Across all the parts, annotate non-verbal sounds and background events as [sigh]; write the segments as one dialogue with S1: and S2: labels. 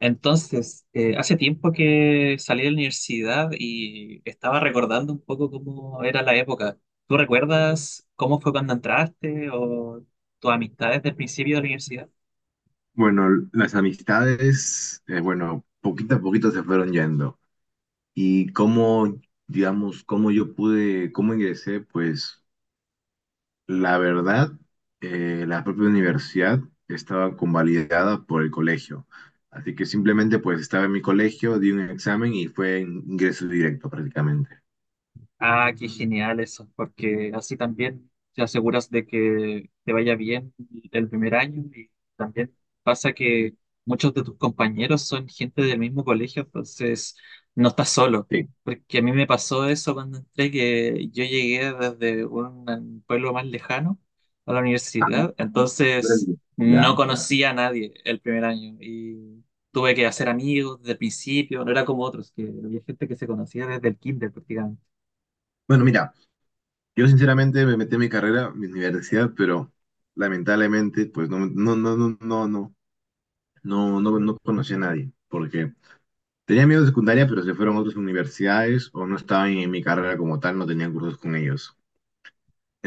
S1: Entonces, hace tiempo que salí de la universidad y estaba recordando un poco cómo era la época. ¿Tú recuerdas cómo fue cuando entraste o tus amistades del principio de la universidad?
S2: Bueno, las amistades, bueno, poquito a poquito se fueron yendo. Y cómo, digamos, cómo yo pude, cómo ingresé, pues la verdad, la propia universidad estaba convalidada por el colegio. Así que simplemente pues estaba en mi colegio, di un examen y fue ingreso directo prácticamente.
S1: Ah, qué genial eso, porque así también te aseguras de que te vaya bien el primer año y también pasa que muchos de tus compañeros son gente del mismo colegio, entonces no estás solo,
S2: Sí.
S1: porque a mí me pasó eso cuando entré, que yo llegué desde un pueblo más lejano a la
S2: Ah,
S1: universidad,
S2: pues,
S1: entonces
S2: ya.
S1: no conocía a nadie el primer año y tuve que hacer amigos desde el principio, no era como otros, que había gente que se conocía desde el kinder prácticamente.
S2: Bueno, mira, yo sinceramente me metí en mi carrera, mi universidad, pero lamentablemente, pues no, no, no, no, no, no. No, no, no conocí a nadie, porque tenía amigos de secundaria, pero se fueron a otras universidades o no estaban en mi carrera como tal, no tenían cursos con ellos.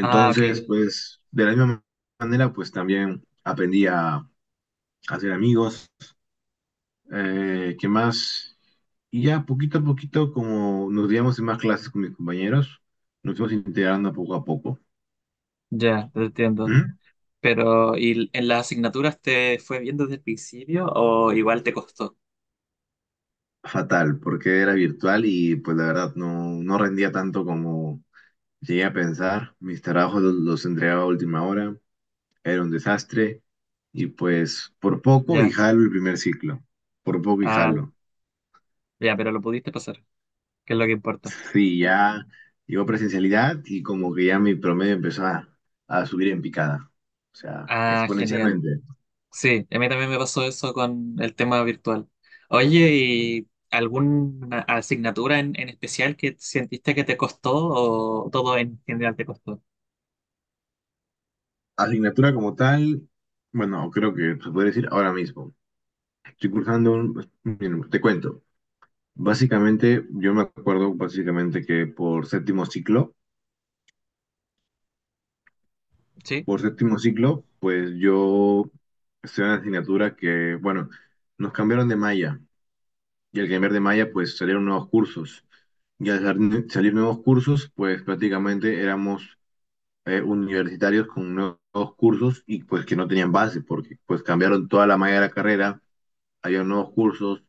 S1: Ah, ok.
S2: pues, de la misma manera, pues también aprendí a hacer amigos, ¿qué más? Y ya poquito a poquito, como nos díamos en más clases con mis compañeros, nos fuimos integrando poco a poco.
S1: Ya, te entiendo.
S2: ¿Mm?
S1: Pero, ¿y en las asignaturas te fue bien desde el principio o igual te costó?
S2: Fatal, porque era virtual y pues la verdad no, no rendía tanto como llegué a pensar. Mis trabajos los entregaba a última hora. Era un desastre y pues por poco y
S1: Ya,
S2: jalo el primer ciclo, por poco y
S1: ah,
S2: jalo.
S1: ya, pero lo pudiste pasar, que es lo que importa.
S2: [laughs] Sí, ya llegó presencialidad y como que ya mi promedio empezó a subir en picada, o sea,
S1: Ah, genial.
S2: exponencialmente.
S1: Sí, a mí también me pasó eso con el tema virtual. Oye, ¿y alguna asignatura en especial que sentiste que te costó o todo en general te costó?
S2: Asignatura como tal, bueno, creo que se puede decir ahora mismo. Estoy cursando miren, te cuento. Básicamente, yo me acuerdo básicamente que por séptimo ciclo,
S1: ¿Sí?
S2: por séptimo ciclo, pues yo estoy en una asignatura que, bueno, nos cambiaron de malla y al cambiar de malla, pues salieron nuevos cursos. Y al salir nuevos cursos, pues prácticamente éramos, universitarios con nuevos cursos y pues que no tenían base, porque pues cambiaron toda la malla de la carrera, había nuevos cursos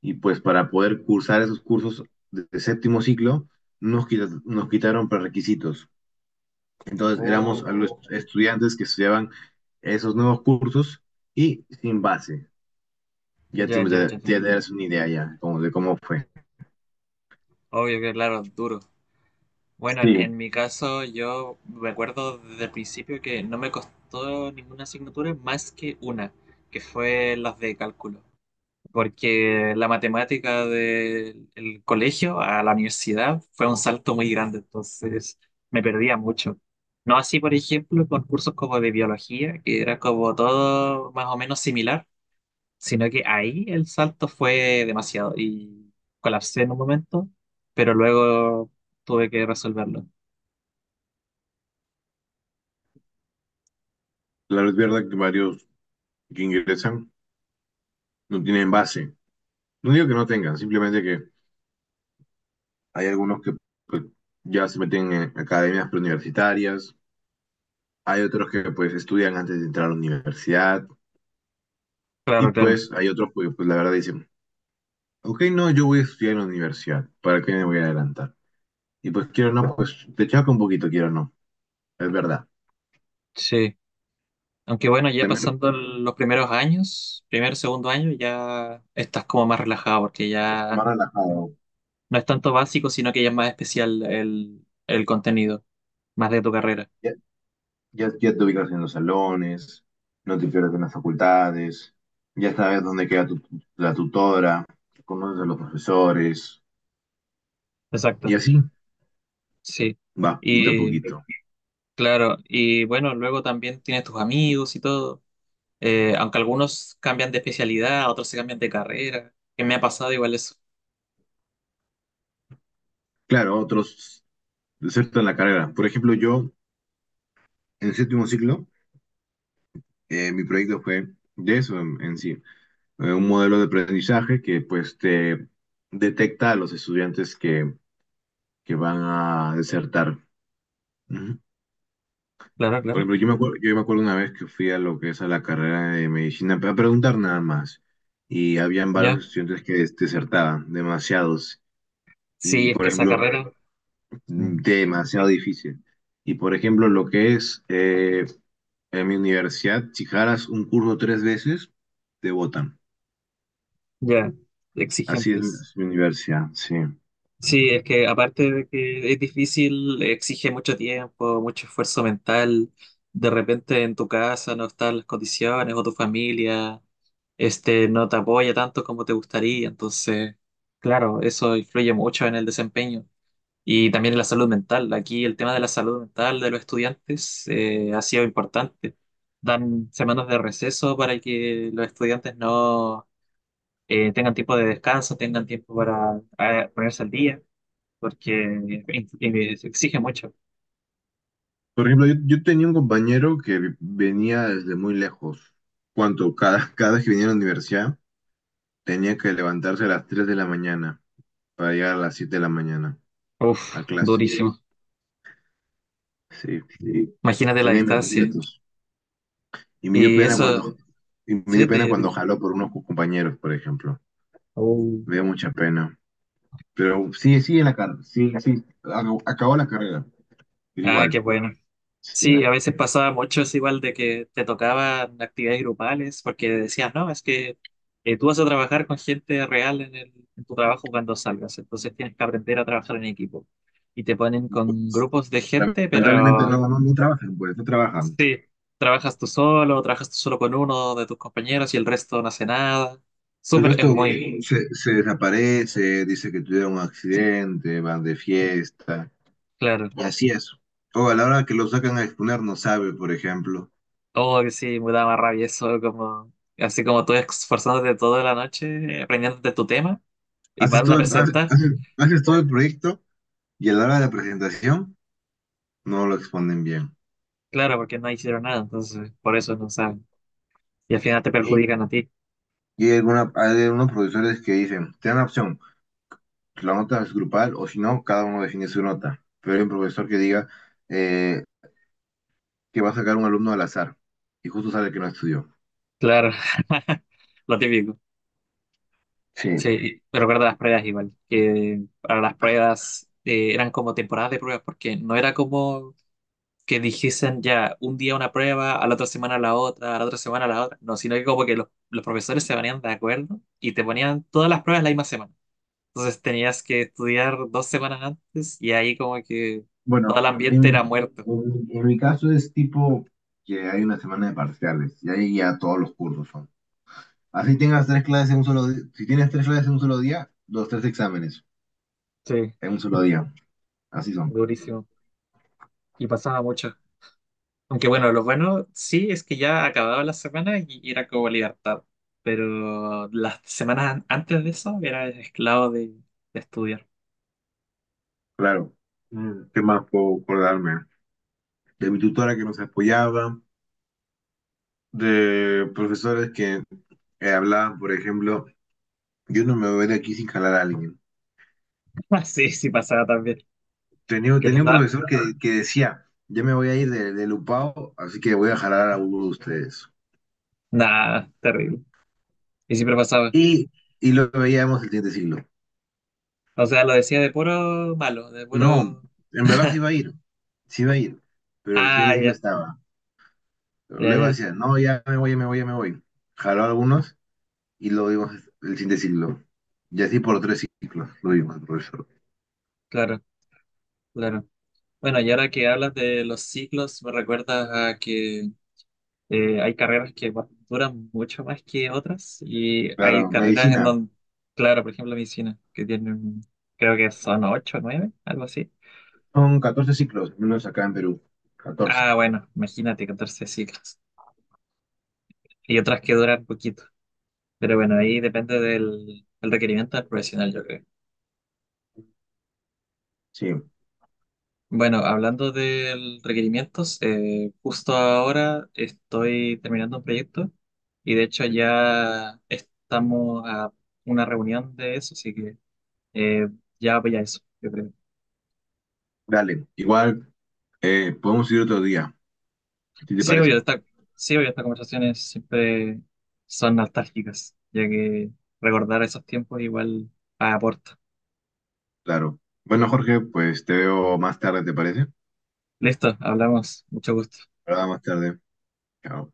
S2: y pues para poder cursar esos cursos de séptimo ciclo, nos quitaron prerequisitos. Entonces éramos algunos
S1: Oh,
S2: estudiantes que estudiaban esos nuevos cursos y sin base. Ya te,
S1: ya, ya, ya, te
S2: ya te
S1: entiendo.
S2: das una idea ya como de cómo fue.
S1: Obvio que, claro, duro. Bueno, en,
S2: Sí,
S1: en mi caso yo recuerdo desde el principio que no me costó ninguna asignatura más que una, que fue las de cálculo, porque la matemática del el colegio a la universidad fue un salto muy grande, entonces me perdía mucho. No así, por ejemplo, con cursos como de biología, que era como todo más o menos similar, sino que ahí el salto fue demasiado y colapsé en un momento, pero luego tuve que resolverlo.
S2: la verdad que varios que ingresan no tienen base. No digo que no tengan, simplemente que hay algunos que ya se meten en academias preuniversitarias, hay otros que pues estudian antes de entrar a la universidad y
S1: Claro, claro,
S2: pues hay otros que pues la verdad dicen, ok, no, yo voy a estudiar en la universidad, ¿para qué me voy a adelantar? Y pues quiero o no, pues te chaco un poquito, quiero o no. Es verdad.
S1: sí. Aunque bueno, ya
S2: También
S1: pasando los primeros años, primer, segundo año, ya estás como más relajado porque
S2: más
S1: ya
S2: relajado.
S1: no es tanto básico, sino que ya es más especial el contenido, más de tu carrera.
S2: Ya, ya, ya te ubicas en los salones, no te pierdes en las facultades, ya sabes dónde queda tu, la tutora, conoces a los profesores, y
S1: Exacto,
S2: así
S1: sí.
S2: va, poquito a
S1: Y
S2: poquito.
S1: claro, y bueno, luego también tienes tus amigos y todo. Aunque algunos cambian de especialidad, otros se cambian de carrera, que me ha pasado igual eso.
S2: Claro, otros desertan la carrera. Por ejemplo, yo en séptimo ciclo, mi proyecto fue de eso en sí, un modelo de aprendizaje que pues te detecta a los estudiantes que van a desertar. Ujú.
S1: Claro,
S2: Por
S1: claro.
S2: ejemplo, yo me acuerdo una vez que fui a lo que es a la carrera de medicina a preguntar nada más. Y habían
S1: Ya.
S2: varios estudiantes que desertaban, demasiados. Y,
S1: Sí, es
S2: por
S1: que esa
S2: ejemplo,
S1: carrera, ujú,
S2: demasiado difícil. Y, por ejemplo, lo que es en mi universidad, si jalas un curso 3 veces, te votan.
S1: ya,
S2: Así
S1: exigentes.
S2: es, mi universidad, sí.
S1: Sí, es que aparte de que es difícil, exige mucho tiempo, mucho esfuerzo mental. De repente en tu casa no están las condiciones o tu familia, no te apoya tanto como te gustaría. Entonces, claro, eso influye mucho en el desempeño y también en la salud mental. Aquí el tema de la salud mental de los estudiantes ha sido importante. Dan semanas de receso para que los estudiantes no tengan tiempo de descanso, tengan tiempo para ponerse al día porque se exige mucho.
S2: Por ejemplo, yo tenía un compañero que venía desde muy lejos. Cuanto cada, [laughs] cada vez que venía a la universidad, tenía que levantarse a las 3 de la mañana para llegar a las 7 de la mañana
S1: Uf,
S2: a clase.
S1: durísimo.
S2: Sí,
S1: Imagínate la
S2: tenía mis
S1: distancia.
S2: respetos. Y me dio
S1: Y
S2: pena
S1: eso,
S2: cuando, y me
S1: sí,
S2: dio pena cuando jaló por unos compañeros, por ejemplo.
S1: Oh.
S2: Me dio mucha pena. Pero sí, sí en la carrera, sí, sí, acabó la carrera, pero
S1: Ah, qué
S2: igual,
S1: bueno.
S2: sí.
S1: Sí, a veces pasaba mucho es igual de que te tocaban actividades grupales porque decías, no, es que tú vas a trabajar con gente real en en tu trabajo cuando salgas, entonces tienes que aprender a trabajar en equipo. Y te ponen con grupos de gente,
S2: Lamentablemente no,
S1: pero
S2: no, no trabajan, pues, no trabajan.
S1: sí, trabajas tú solo con uno de tus compañeros y el resto no hace nada.
S2: El
S1: Súper, es
S2: resto
S1: muy sí,
S2: se desaparece, dice que tuvieron un accidente, van de fiesta,
S1: claro.
S2: y así es. O a la hora que lo sacan a exponer no sabe, por ejemplo.
S1: Oh, que sí, me da más rabia eso, como, así como tú esforzándote toda la noche, aprendiéndote tu tema y van a presentar.
S2: Haces todo el proyecto y a la hora de la presentación no lo exponen bien.
S1: Claro, porque no hicieron nada, entonces por eso no saben. Y al final te
S2: Y,
S1: perjudican a ti.
S2: y hay algunos profesores que dicen, te dan la opción, pues, la nota es grupal o si no, cada uno define su nota. Pero hay un profesor que diga eh, que va a sacar un alumno al azar y justo sale que no estudió.
S1: Claro, [laughs] lo típico.
S2: Sí.
S1: Sí, me recuerdo las pruebas igual, que para las pruebas eran como temporadas de pruebas, porque no era como que dijesen ya un día una prueba, a la otra semana la otra, a la otra semana la otra. No, sino que como que los profesores se ponían de acuerdo y te ponían todas las pruebas la misma semana. Entonces tenías que estudiar dos semanas antes y ahí como que todo el
S2: Bueno, en
S1: ambiente
S2: mi,
S1: era muerto.
S2: en- en mi caso es tipo que hay una semana de parciales y ahí ya todos los cursos son. Así tengas tres clases en un solo día, si tienes tres clases en un solo día, los tres exámenes.
S1: Sí,
S2: En un solo día. Así son.
S1: durísimo. Y pasaba mucho. Aunque bueno, lo bueno sí es que ya acababa la semana y era como libertad. Pero las semanas antes de eso era esclavo de estudiar.
S2: Claro. ¿Qué más puedo acordarme? De mi tutora que nos apoyaba, de profesores que hablaban, por ejemplo, yo no me voy de aquí sin jalar a alguien.
S1: [laughs] Sí, sí pasaba también.
S2: Tenía,
S1: Que les
S2: tenía un
S1: da-
S2: profesor que decía, ya me voy a ir de Lupao, así que voy a jalar a uno de ustedes.
S1: Nada, terrible. Y siempre pasaba.
S2: Y, y lo veíamos el siguiente siglo.
S1: O sea, lo decía de puro malo, de
S2: No,
S1: puro...
S2: en verdad sí va a ir, sí va a ir, pero el
S1: Ah,
S2: siguiente Siglo
S1: ya,
S2: estaba.
S1: ya,
S2: Luego
S1: ya,
S2: decía, no, ya me voy, ya me voy, ya me voy. Jaló a algunos y lo vimos el siguiente ciclo. Y así por 3 ciclos lo vimos, profesor.
S1: claro, claro. Bueno, y ahora que hablas de los ciclos, me recuerdas a que hay carreras que duran mucho más que otras y hay
S2: Claro,
S1: carreras en
S2: medicina.
S1: donde, claro, por ejemplo, medicina, que tienen, creo que son ocho o nueve, algo así.
S2: Son 14 ciclos, al menos acá en Perú. 14
S1: Ah, bueno, imagínate, 14 ciclos. Y otras que duran poquito. Pero bueno, ahí depende del requerimiento del profesional, yo creo.
S2: sí.
S1: Bueno, hablando de requerimientos, justo ahora estoy terminando un proyecto y de hecho ya estamos a una reunión de eso, así que eh, ya voy a eso, yo creo.
S2: Dale, igual podemos ir otro día, si te
S1: Sí, obvio,
S2: parece.
S1: sí, obvio, estas conversaciones siempre son nostálgicas, ya que recordar esos tiempos igual aporta.
S2: Claro. Bueno, Jorge, pues te veo más tarde, ¿te parece?
S1: Listo, hablamos, mucho gusto.
S2: Ahora más tarde. Chao.